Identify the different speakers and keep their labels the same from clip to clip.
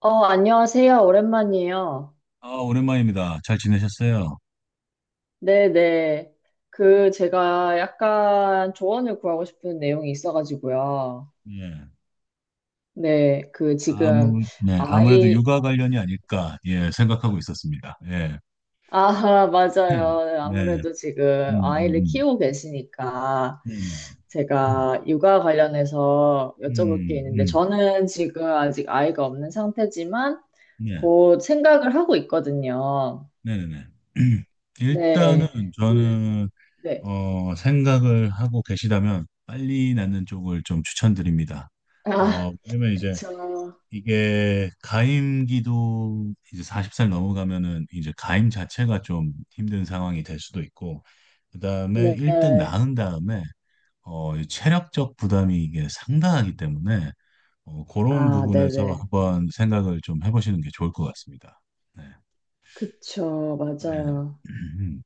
Speaker 1: 안녕하세요. 오랜만이에요.
Speaker 2: 아, 오랜만입니다. 잘 지내셨어요?
Speaker 1: 네네. 그, 제가 약간 조언을 구하고 싶은 내용이 있어가지고요.
Speaker 2: 예.
Speaker 1: 네, 그, 지금,
Speaker 2: 네, 아무래도
Speaker 1: 아이,
Speaker 2: 육아 관련이 아닐까, 예, 생각하고 있었습니다. 예.
Speaker 1: 아, 맞아요.
Speaker 2: 네.
Speaker 1: 아무래도
Speaker 2: 음,
Speaker 1: 지금
Speaker 2: 음,
Speaker 1: 아이를
Speaker 2: 음.
Speaker 1: 키우고 계시니까,
Speaker 2: 네네네.
Speaker 1: 제가 육아 관련해서 여쭤볼 게
Speaker 2: 음,
Speaker 1: 있는데,
Speaker 2: 음,
Speaker 1: 저는 지금 아직 아이가 없는 상태지만,
Speaker 2: 네.
Speaker 1: 곧 생각을 하고 있거든요.
Speaker 2: 네네네. 일단은
Speaker 1: 네. 그,
Speaker 2: 저는,
Speaker 1: 네.
Speaker 2: 생각을 하고 계시다면 빨리 낳는 쪽을 좀 추천드립니다.
Speaker 1: 아,
Speaker 2: 왜냐면 이제
Speaker 1: 그쵸.
Speaker 2: 이게 가임기도 이제 40살 넘어가면은 이제 가임 자체가 좀 힘든 상황이 될 수도 있고, 그다음에 일단
Speaker 1: 네.
Speaker 2: 낳은 다음에 이 체력적 부담이 이게 상당하기 때문에 그런
Speaker 1: 아,
Speaker 2: 부분에서
Speaker 1: 네네.
Speaker 2: 한번 생각을 좀 해보시는 게 좋을 것 같습니다. 네.
Speaker 1: 그쵸,
Speaker 2: 네.
Speaker 1: 맞아요.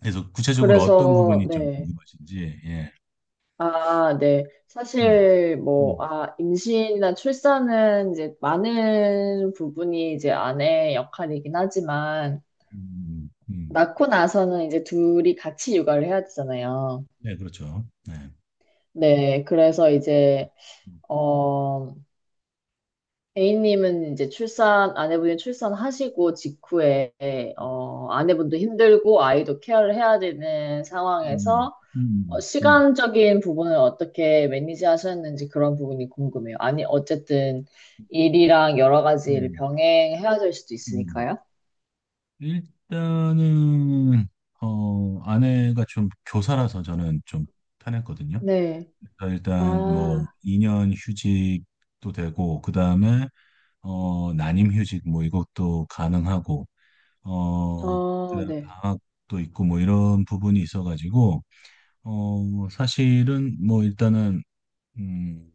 Speaker 2: 그래서 구체적으로 어떤
Speaker 1: 그래서,
Speaker 2: 부분이 좀
Speaker 1: 네.
Speaker 2: 궁금하신지? 예.
Speaker 1: 아, 네.
Speaker 2: 음,
Speaker 1: 사실, 뭐,
Speaker 2: 음,
Speaker 1: 아, 임신이나 출산은 이제 많은 부분이 이제 아내의 역할이긴 하지만,
Speaker 2: 음.
Speaker 1: 낳고 나서는 이제 둘이 같이 육아를 해야 되잖아요.
Speaker 2: 네, 그렇죠. 네.
Speaker 1: 네. 그래서 이제,
Speaker 2: 음,
Speaker 1: 어, A님은 이제 출산, 아내분이 출산하시고 직후에,
Speaker 2: 음,
Speaker 1: 아내분도 힘들고 아이도 케어를 해야 되는
Speaker 2: 음,
Speaker 1: 상황에서
Speaker 2: 음, 음,
Speaker 1: 시간적인 부분을 어떻게 매니지 하셨는지 그런 부분이 궁금해요. 아니, 어쨌든 일이랑 여러 가지를
Speaker 2: 음.
Speaker 1: 병행해야 될 수도
Speaker 2: 음.
Speaker 1: 있으니까요.
Speaker 2: 일단은 아내가 좀 교사라서 저는 좀 편했거든요.
Speaker 1: 네.
Speaker 2: 그러니까 일단 뭐
Speaker 1: 아,
Speaker 2: 2년 휴직도 되고 그다음에 난임 휴직 뭐 이것도 가능하고 어
Speaker 1: 어,
Speaker 2: 그다음에
Speaker 1: 네.
Speaker 2: 방학도 있고 뭐 이런 부분이 있어가지고 사실은 뭐 일단은 음,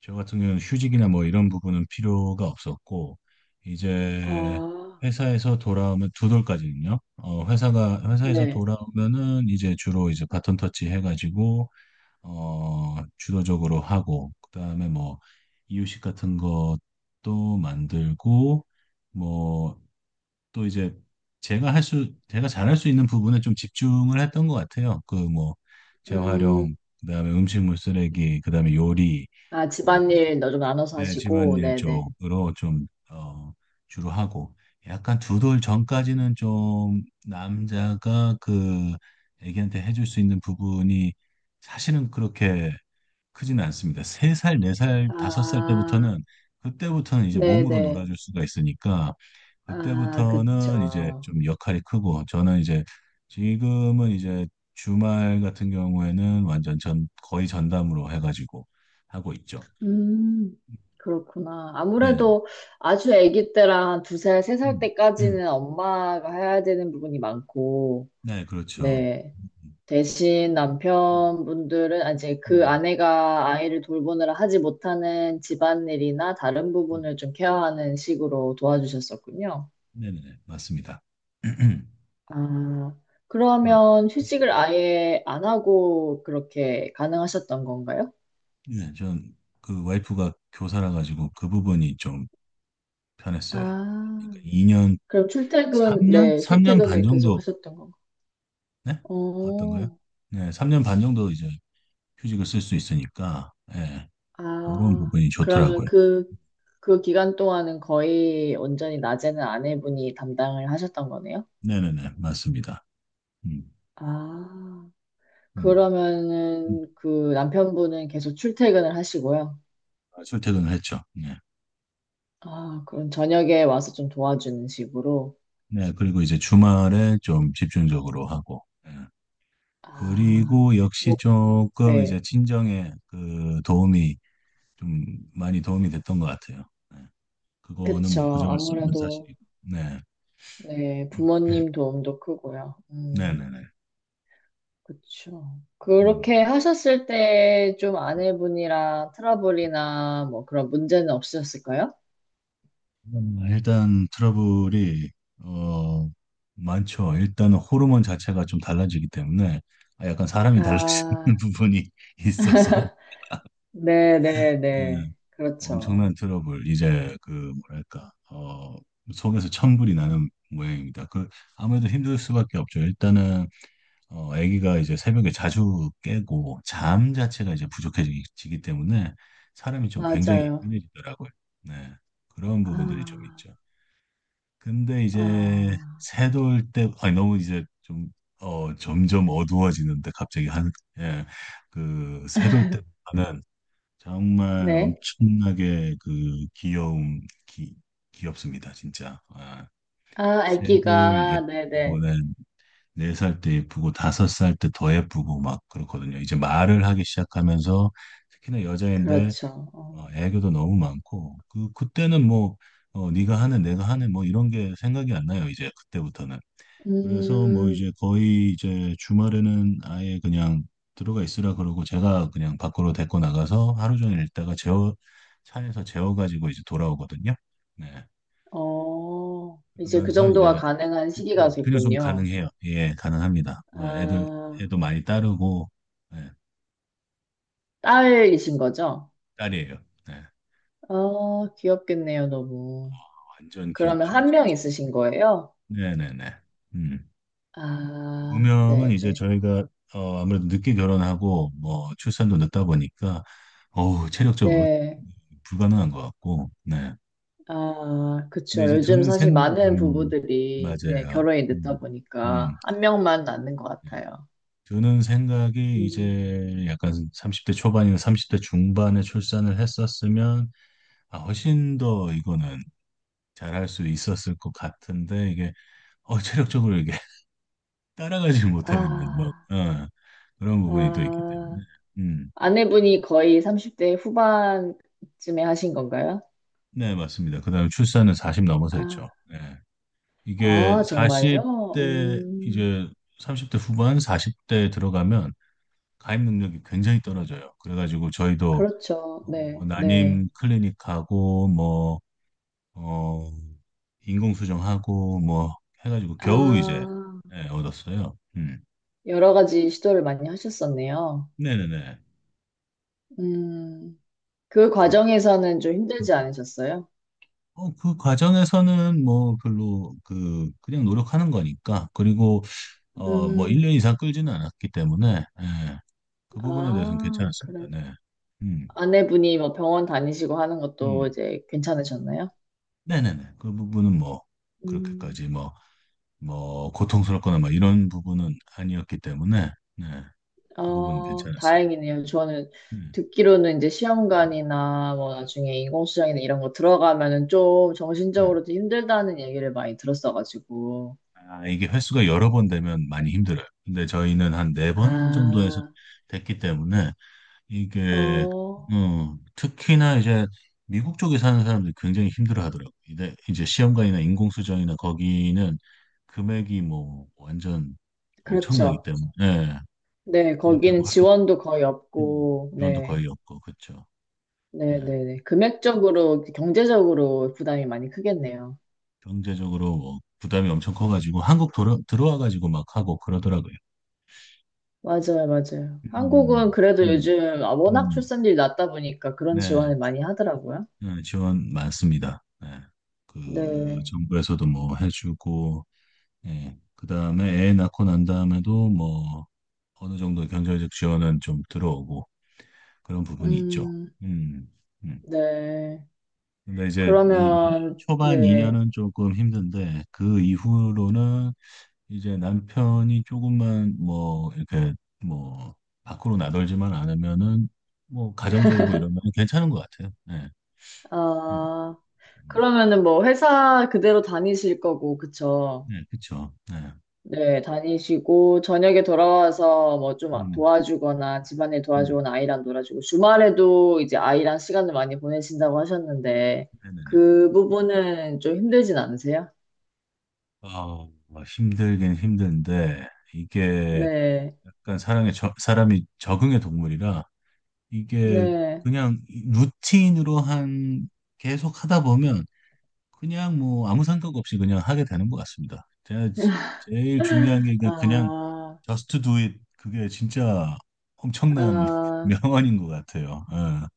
Speaker 2: 저 같은 경우는 휴직이나 뭐 이런 부분은 필요가 없었고 이제
Speaker 1: 아,
Speaker 2: 회사에서 돌아오면 두 돌까지는요. 어 회사가 회사에서
Speaker 1: 네.
Speaker 2: 돌아오면은 이제 주로 이제 바톤 터치 해가지고 주도적으로 하고 그다음에 뭐 이유식 같은 것도 만들고 뭐 또 이제 제가 잘할 수 있는 부분에 좀 집중을 했던 것 같아요. 그 뭐
Speaker 1: 음,
Speaker 2: 재활용, 그다음에 음식물 쓰레기, 그다음에 요리,
Speaker 1: 아,
Speaker 2: 어,
Speaker 1: 집안일 너 좀 나눠서
Speaker 2: 네,
Speaker 1: 하시고,
Speaker 2: 집안일
Speaker 1: 네네.
Speaker 2: 쪽으로 좀, 주로 하고, 약간 두 돌 전까지는 좀 남자가 그 애기한테 해줄 수 있는 부분이 사실은 그렇게 크지는 않습니다. 세 살, 네 살, 다섯 살
Speaker 1: 아,
Speaker 2: 때부터는, 그때부터는 이제 몸으로
Speaker 1: 네네.
Speaker 2: 놀아줄 수가 있으니까,
Speaker 1: 아,
Speaker 2: 그때부터는 이제
Speaker 1: 그쵸.
Speaker 2: 좀 역할이 크고, 저는 이제 지금은 이제 주말 같은 경우에는 완전 거의 전담으로 해가지고 하고 있죠.
Speaker 1: 음, 그렇구나.
Speaker 2: 네.
Speaker 1: 아무래도 아주 아기 때랑 한 두 살, 세 살
Speaker 2: 음, 음.
Speaker 1: 때까지는 엄마가 해야 되는 부분이 많고,
Speaker 2: 네, 그렇죠.
Speaker 1: 네.
Speaker 2: 음,
Speaker 1: 대신 남편분들은 아, 이제 그
Speaker 2: 음,
Speaker 1: 아내가 아이를 돌보느라 하지 못하는 집안일이나 다른
Speaker 2: 음.
Speaker 1: 부분을 좀 케어하는 식으로 도와주셨었군요.
Speaker 2: 네네, 맞습니다.
Speaker 1: 아,
Speaker 2: 음.
Speaker 1: 그러면 휴직을 아예 안 하고 그렇게 가능하셨던 건가요?
Speaker 2: 네, 전 그 와이프가 교사라 가지고 그 부분이 좀 편했어요.
Speaker 1: 아,
Speaker 2: 그러니까 2년,
Speaker 1: 그럼 출퇴근,
Speaker 2: 3년?
Speaker 1: 네,
Speaker 2: 3년 반
Speaker 1: 출퇴근을 계속
Speaker 2: 정도,
Speaker 1: 하셨던 건가요?
Speaker 2: 네? 어떤가요?
Speaker 1: 어,
Speaker 2: 네, 3년 반 정도 이제 휴직을 쓸 수 있으니까, 예, 그런
Speaker 1: 아,
Speaker 2: 부분이
Speaker 1: 그러면
Speaker 2: 좋더라고요.
Speaker 1: 그, 그 기간 동안은 거의 온전히 낮에는 아내분이 담당을 하셨던 거네요?
Speaker 2: 네네네, 맞습니다. 음,
Speaker 1: 아,
Speaker 2: 음. 음.
Speaker 1: 그러면은 그 남편분은 계속 출퇴근을 하시고요.
Speaker 2: 아, 출퇴근을 했죠. 네.
Speaker 1: 아, 그럼 저녁에 와서 좀 도와주는 식으로.
Speaker 2: 네, 그리고 이제 주말에 좀 집중적으로 하고, 예.
Speaker 1: 아,
Speaker 2: 그리고
Speaker 1: 뭐,
Speaker 2: 역시 조금
Speaker 1: 네,
Speaker 2: 이제 친정에 그 도움이 좀 많이 도움이 됐던 것 같아요. 네. 그거는 뭐
Speaker 1: 그쵸.
Speaker 2: 부정할 수 없는
Speaker 1: 아무래도,
Speaker 2: 사실이고. 네,
Speaker 1: 네, 부모님 도움도 크고요.
Speaker 2: 네, 네,
Speaker 1: 음.
Speaker 2: 네.
Speaker 1: 그쵸.
Speaker 2: 음.
Speaker 1: 그렇게 하셨을 때 좀 아내분이랑 트러블이나 뭐 그런 문제는 없으셨을까요?
Speaker 2: 일단 트러블이 어 많죠. 일단은 호르몬 자체가 좀 달라지기 때문에 아, 약간 사람이 달라지는
Speaker 1: 아,
Speaker 2: 부분이 있어서 네.
Speaker 1: 네네네. 그렇죠.
Speaker 2: 엄청난 트러블. 이제 그 뭐랄까, 속에서 천불이 나는 모양입니다. 그 아무래도 힘들 수밖에 없죠. 일단은 아기가 이제 새벽에 자주 깨고 잠 자체가 이제 부족해지기 때문에 사람이 좀 굉장히
Speaker 1: 맞아요.
Speaker 2: 예민해지더라고요. 네. 그런 부분들이 좀
Speaker 1: 아,
Speaker 2: 있죠. 근데 이제
Speaker 1: 아,
Speaker 2: 새돌 때, 아니, 너무 이제 좀, 점점 어두워지는데 갑자기 한, 예, 그 새돌 때보다는 정말
Speaker 1: 네.
Speaker 2: 엄청나게 그 귀여움, 귀, 귀엽습니다. 진짜. 아,
Speaker 1: 아,
Speaker 2: 새돌
Speaker 1: 아기가,
Speaker 2: 예쁘고,
Speaker 1: 네네.
Speaker 2: 네. 네 살 때 예쁘고 다섯 살 때 더 예쁘고 막 그렇거든요. 이제 말을 하기 시작하면서 특히나 여자인데
Speaker 1: 그렇죠. 어.
Speaker 2: 애교도 너무 많고, 그때는 뭐 네가 하는 내가 하는 뭐 이런 게 생각이 안 나요. 이제 그때부터는. 그래서 뭐
Speaker 1: 음,
Speaker 2: 이제 거의 이제 주말에는 아예 그냥 들어가 있으라 그러고, 제가 그냥 밖으로 데리고 나가서 하루 종일 있다가 재워 차에서 재워 가지고 이제 돌아오거든요. 네.
Speaker 1: 어, 이제 그
Speaker 2: 그러면서
Speaker 1: 정도가
Speaker 2: 이제
Speaker 1: 가능한 시기가
Speaker 2: 근육 좀
Speaker 1: 됐군요.
Speaker 2: 가능해요. 예, 가능합니다. 뭐
Speaker 1: 아,
Speaker 2: 애도 많이 따르고, 예,
Speaker 1: 딸이신 거죠?
Speaker 2: 딸이에요. 네,
Speaker 1: 아, 귀엽겠네요, 너무.
Speaker 2: 완전
Speaker 1: 그러면
Speaker 2: 귀엽죠,
Speaker 1: 한 명
Speaker 2: 진짜.
Speaker 1: 있으신 거예요?
Speaker 2: 네네네. 음.
Speaker 1: 아,
Speaker 2: 우명은
Speaker 1: 네,
Speaker 2: 이제
Speaker 1: 네.
Speaker 2: 저희가, 아무래도 늦게 결혼하고, 뭐, 출산도 늦다 보니까, 어우, 체력적으로
Speaker 1: 네.
Speaker 2: 불가능한 것 같고, 네.
Speaker 1: 아,
Speaker 2: 근데
Speaker 1: 그쵸.
Speaker 2: 이제
Speaker 1: 요즘 사실 많은 부부들이 네,
Speaker 2: 맞아요.
Speaker 1: 결혼이 늦다
Speaker 2: 음, 음.
Speaker 1: 보니까 한 명만 낳는 것
Speaker 2: 네.
Speaker 1: 같아요.
Speaker 2: 드는 생각이
Speaker 1: 음.
Speaker 2: 이제 약간 30대 초반이나 30대 중반에 출산을 했었으면, 아, 훨씬 더 이거는 잘할 수 있었을 것 같은데, 이게 체력적으로 이게 따라가지 못하겠는, 뭐
Speaker 1: 아,
Speaker 2: 그런 부분이 또 있기
Speaker 1: 아,
Speaker 2: 때문에. 음,
Speaker 1: 아내분이 거의 30대 후반쯤에 하신 건가요?
Speaker 2: 네, 맞습니다. 그다음에 출산은 40 넘어서 했죠.
Speaker 1: 아,
Speaker 2: 네. 이게
Speaker 1: 아,
Speaker 2: 사십
Speaker 1: 정말요?
Speaker 2: 대, 이제 30대 후반 40대 들어가면 가입 능력이 굉장히 떨어져요. 그래가지고 저희도
Speaker 1: 그렇죠. 네, 네.
Speaker 2: 난임 클리닉하고, 뭐 어, 인공수정하고 뭐 해가지고 겨우 이제,
Speaker 1: 아,
Speaker 2: 예, 얻었어요. 음.
Speaker 1: 여러 가지 시도를 많이 하셨었네요.
Speaker 2: 네네네.
Speaker 1: 음. 그
Speaker 2: 그렇고.
Speaker 1: 과정에서는 좀 힘들지
Speaker 2: 음.
Speaker 1: 않으셨어요?
Speaker 2: 그 과정에서는 뭐 별로, 그 그냥 노력하는 거니까, 그리고 뭐
Speaker 1: 음,
Speaker 2: 1년 이상 끌지는 않았기 때문에, 예, 그 부분에 대해서는
Speaker 1: 아,
Speaker 2: 괜찮았습니다.
Speaker 1: 그래도.
Speaker 2: 네. 음.
Speaker 1: 아내분이 뭐 병원 다니시고 하는
Speaker 2: 음.
Speaker 1: 것도 이제 괜찮으셨나요?
Speaker 2: 네네네. 그 부분은 뭐
Speaker 1: 음,
Speaker 2: 그렇게까지 뭐 고통스럽거나 막 이런 부분은 아니었기 때문에, 네. 그 부분은
Speaker 1: 어,
Speaker 2: 괜찮았어요.
Speaker 1: 다행이네요. 저는
Speaker 2: 네.
Speaker 1: 듣기로는 이제
Speaker 2: 네.
Speaker 1: 시험관이나 뭐 나중에 인공수정이나 이런 거 들어가면은 좀
Speaker 2: 네.
Speaker 1: 정신적으로도 힘들다는 얘기를 많이 들었어가지고.
Speaker 2: 아, 이게 횟수가 여러 번 되면 많이 힘들어요. 근데 저희는 한 네 번 정도에서
Speaker 1: 아,
Speaker 2: 됐기 때문에 이게
Speaker 1: 어,
Speaker 2: 특히나 이제 미국 쪽에 사는 사람들이 굉장히 힘들어 하더라고요. 근데 이제 시험관이나 인공수정이나 거기는 금액이 뭐 완전 엄청나기
Speaker 1: 그렇죠.
Speaker 2: 때문에, 예,
Speaker 1: 네, 거기는
Speaker 2: 그렇다고 하죠.
Speaker 1: 지원도 거의 없고,
Speaker 2: 지원도
Speaker 1: 네.
Speaker 2: 거의 없고 그렇죠. 예,
Speaker 1: 네네네. 금액적으로, 경제적으로 부담이 많이 크겠네요.
Speaker 2: 경제적으로 뭐 부담이 엄청 커가지고 한국 들어와가지고 막 하고 그러더라고요.
Speaker 1: 맞아요, 맞아요. 한국은
Speaker 2: 음,
Speaker 1: 그래도
Speaker 2: 음,
Speaker 1: 요즘 아,
Speaker 2: 음,
Speaker 1: 워낙
Speaker 2: 음.
Speaker 1: 출산율이 낮다 보니까 그런
Speaker 2: 네.
Speaker 1: 지원을 많이 하더라고요.
Speaker 2: 네, 지원 많습니다. 네. 그
Speaker 1: 네.
Speaker 2: 정부에서도 뭐 해주고, 예. 그다음에 애 낳고 난 다음에도 뭐 어느 정도 경제적 지원은 좀 들어오고, 그런 부분이 있죠.
Speaker 1: 음,
Speaker 2: 음, 음.
Speaker 1: 네.
Speaker 2: 근데 이제 이
Speaker 1: 그러면,
Speaker 2: 초반
Speaker 1: 네.
Speaker 2: 2년은 조금 힘든데 그 이후로는 이제 남편이 조금만 뭐 이렇게 뭐 밖으로 나돌지만 않으면은 뭐 가정적이고 이러면 괜찮은 것 같아요. 네. 음,
Speaker 1: 아,
Speaker 2: 음.
Speaker 1: 그러면은 뭐 회사 그대로 다니실 거고, 그쵸?
Speaker 2: 네, 그쵸. 네.
Speaker 1: 네, 다니시고, 저녁에 돌아와서 뭐 좀
Speaker 2: 음,
Speaker 1: 도와주거나, 집안일
Speaker 2: 음,
Speaker 1: 도와주거나, 아이랑 놀아주고, 주말에도 이제 아이랑 시간을 많이 보내신다고 하셨는데,
Speaker 2: 네네네.
Speaker 1: 그 부분은 좀 힘들진 않으세요?
Speaker 2: 뭐 힘들긴 힘든데, 이게
Speaker 1: 네,
Speaker 2: 약간 사람이 적응의 동물이라, 이게
Speaker 1: 네.
Speaker 2: 그냥 루틴으로 한, 계속 하다 보면, 그냥 뭐 아무 생각 없이 그냥 하게 되는 것 같습니다. 제일 중요한 게 그냥
Speaker 1: 아,
Speaker 2: just do it. 그게 진짜 엄청난
Speaker 1: 아,
Speaker 2: 명언인 것 같아요.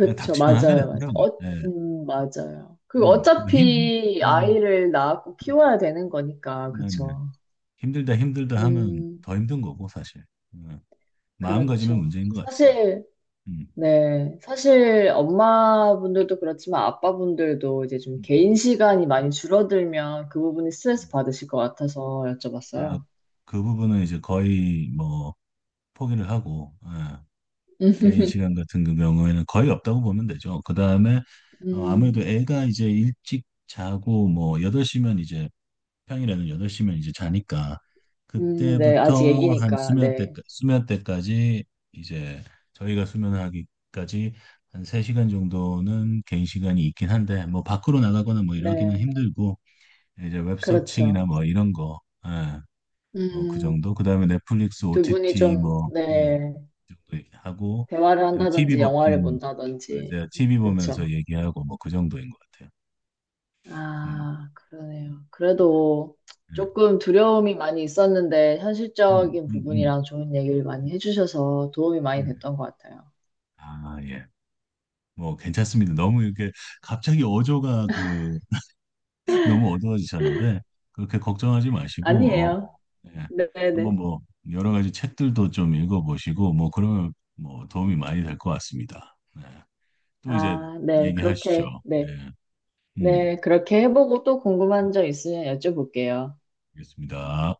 Speaker 2: 그냥 닥치면 하게
Speaker 1: 맞아요, 맞아요.
Speaker 2: 되더라고요.
Speaker 1: 어,
Speaker 2: 네.
Speaker 1: 맞아요. 그리고
Speaker 2: 음, 뭐 힘,
Speaker 1: 어차피
Speaker 2: 음.
Speaker 1: 아이를 낳고
Speaker 2: 음.
Speaker 1: 키워야 되는 거니까,
Speaker 2: 네네.
Speaker 1: 그쵸.
Speaker 2: 힘들다 힘들다 하면
Speaker 1: 음,
Speaker 2: 더 힘든 거고 사실. 어, 마음가짐의
Speaker 1: 그렇죠.
Speaker 2: 문제인 것 같아요.
Speaker 1: 사실,
Speaker 2: 음.
Speaker 1: 네, 사실 엄마분들도 그렇지만 아빠분들도 이제 좀
Speaker 2: 음,
Speaker 1: 개인
Speaker 2: 음,
Speaker 1: 시간이 많이 줄어들면 그 부분이 스트레스
Speaker 2: 음.
Speaker 1: 받으실 것 같아서
Speaker 2: 아,
Speaker 1: 여쭤봤어요.
Speaker 2: 그 부분은 이제 거의 뭐 포기를 하고, 개인 시간 같은 그 경우에는 거의 없다고 보면 되죠. 그 다음에 아무래도
Speaker 1: 음,
Speaker 2: 애가 이제 일찍 자고 뭐 8시면 이제, 평일에는 8시면 이제 자니까
Speaker 1: 네, 아직
Speaker 2: 그때부터 한
Speaker 1: 애기니까,
Speaker 2: 수면 때
Speaker 1: 네,
Speaker 2: 수면 때까지, 이제 저희가 수면하기까지 한 3시간 정도는 개인 시간이 있긴 한데, 뭐 밖으로 나가거나 뭐 이러기는
Speaker 1: 네,
Speaker 2: 힘들고, 이제
Speaker 1: 그렇죠.
Speaker 2: 웹서칭이나 뭐 이런 거, 예, 뭐그
Speaker 1: 음,
Speaker 2: 정도. 그다음에 넷플릭스
Speaker 1: 두 분이
Speaker 2: OTT
Speaker 1: 좀,
Speaker 2: 뭐, 예,
Speaker 1: 네,
Speaker 2: 그 정도 하고.
Speaker 1: 대화를
Speaker 2: 그다음에 TV
Speaker 1: 한다든지
Speaker 2: 보
Speaker 1: 영화를 본다든지,
Speaker 2: 맞아요. 티비 보면서
Speaker 1: 그렇죠.
Speaker 2: 얘기하고 뭐 그 정도인 것 같아요. 음.
Speaker 1: 아, 그러네요. 그래도
Speaker 2: 예.
Speaker 1: 조금 두려움이 많이 있었는데
Speaker 2: 음,
Speaker 1: 현실적인
Speaker 2: 음, 음.
Speaker 1: 부분이랑 좋은 얘기를 많이 해주셔서 도움이 많이
Speaker 2: 예.
Speaker 1: 됐던 것 같아요.
Speaker 2: 아, 예. 뭐 괜찮습니다. 너무 이렇게 갑자기 어조가 그 너무 어두워지셨는데, 그렇게 걱정하지 마시고,
Speaker 1: 아니에요.
Speaker 2: 예. 한번
Speaker 1: 네네.
Speaker 2: 뭐 여러 가지 책들도 좀 읽어보시고, 뭐 그러면 뭐 도움이 많이 될 것 같습니다. 네. 또 이제
Speaker 1: 아, 네.
Speaker 2: 얘기하시죠.
Speaker 1: 그렇게,
Speaker 2: 네.
Speaker 1: 네.
Speaker 2: 음,
Speaker 1: 네. 그렇게 해보고 또
Speaker 2: 네,
Speaker 1: 궁금한 점 있으면 여쭤볼게요.
Speaker 2: 알겠습니다.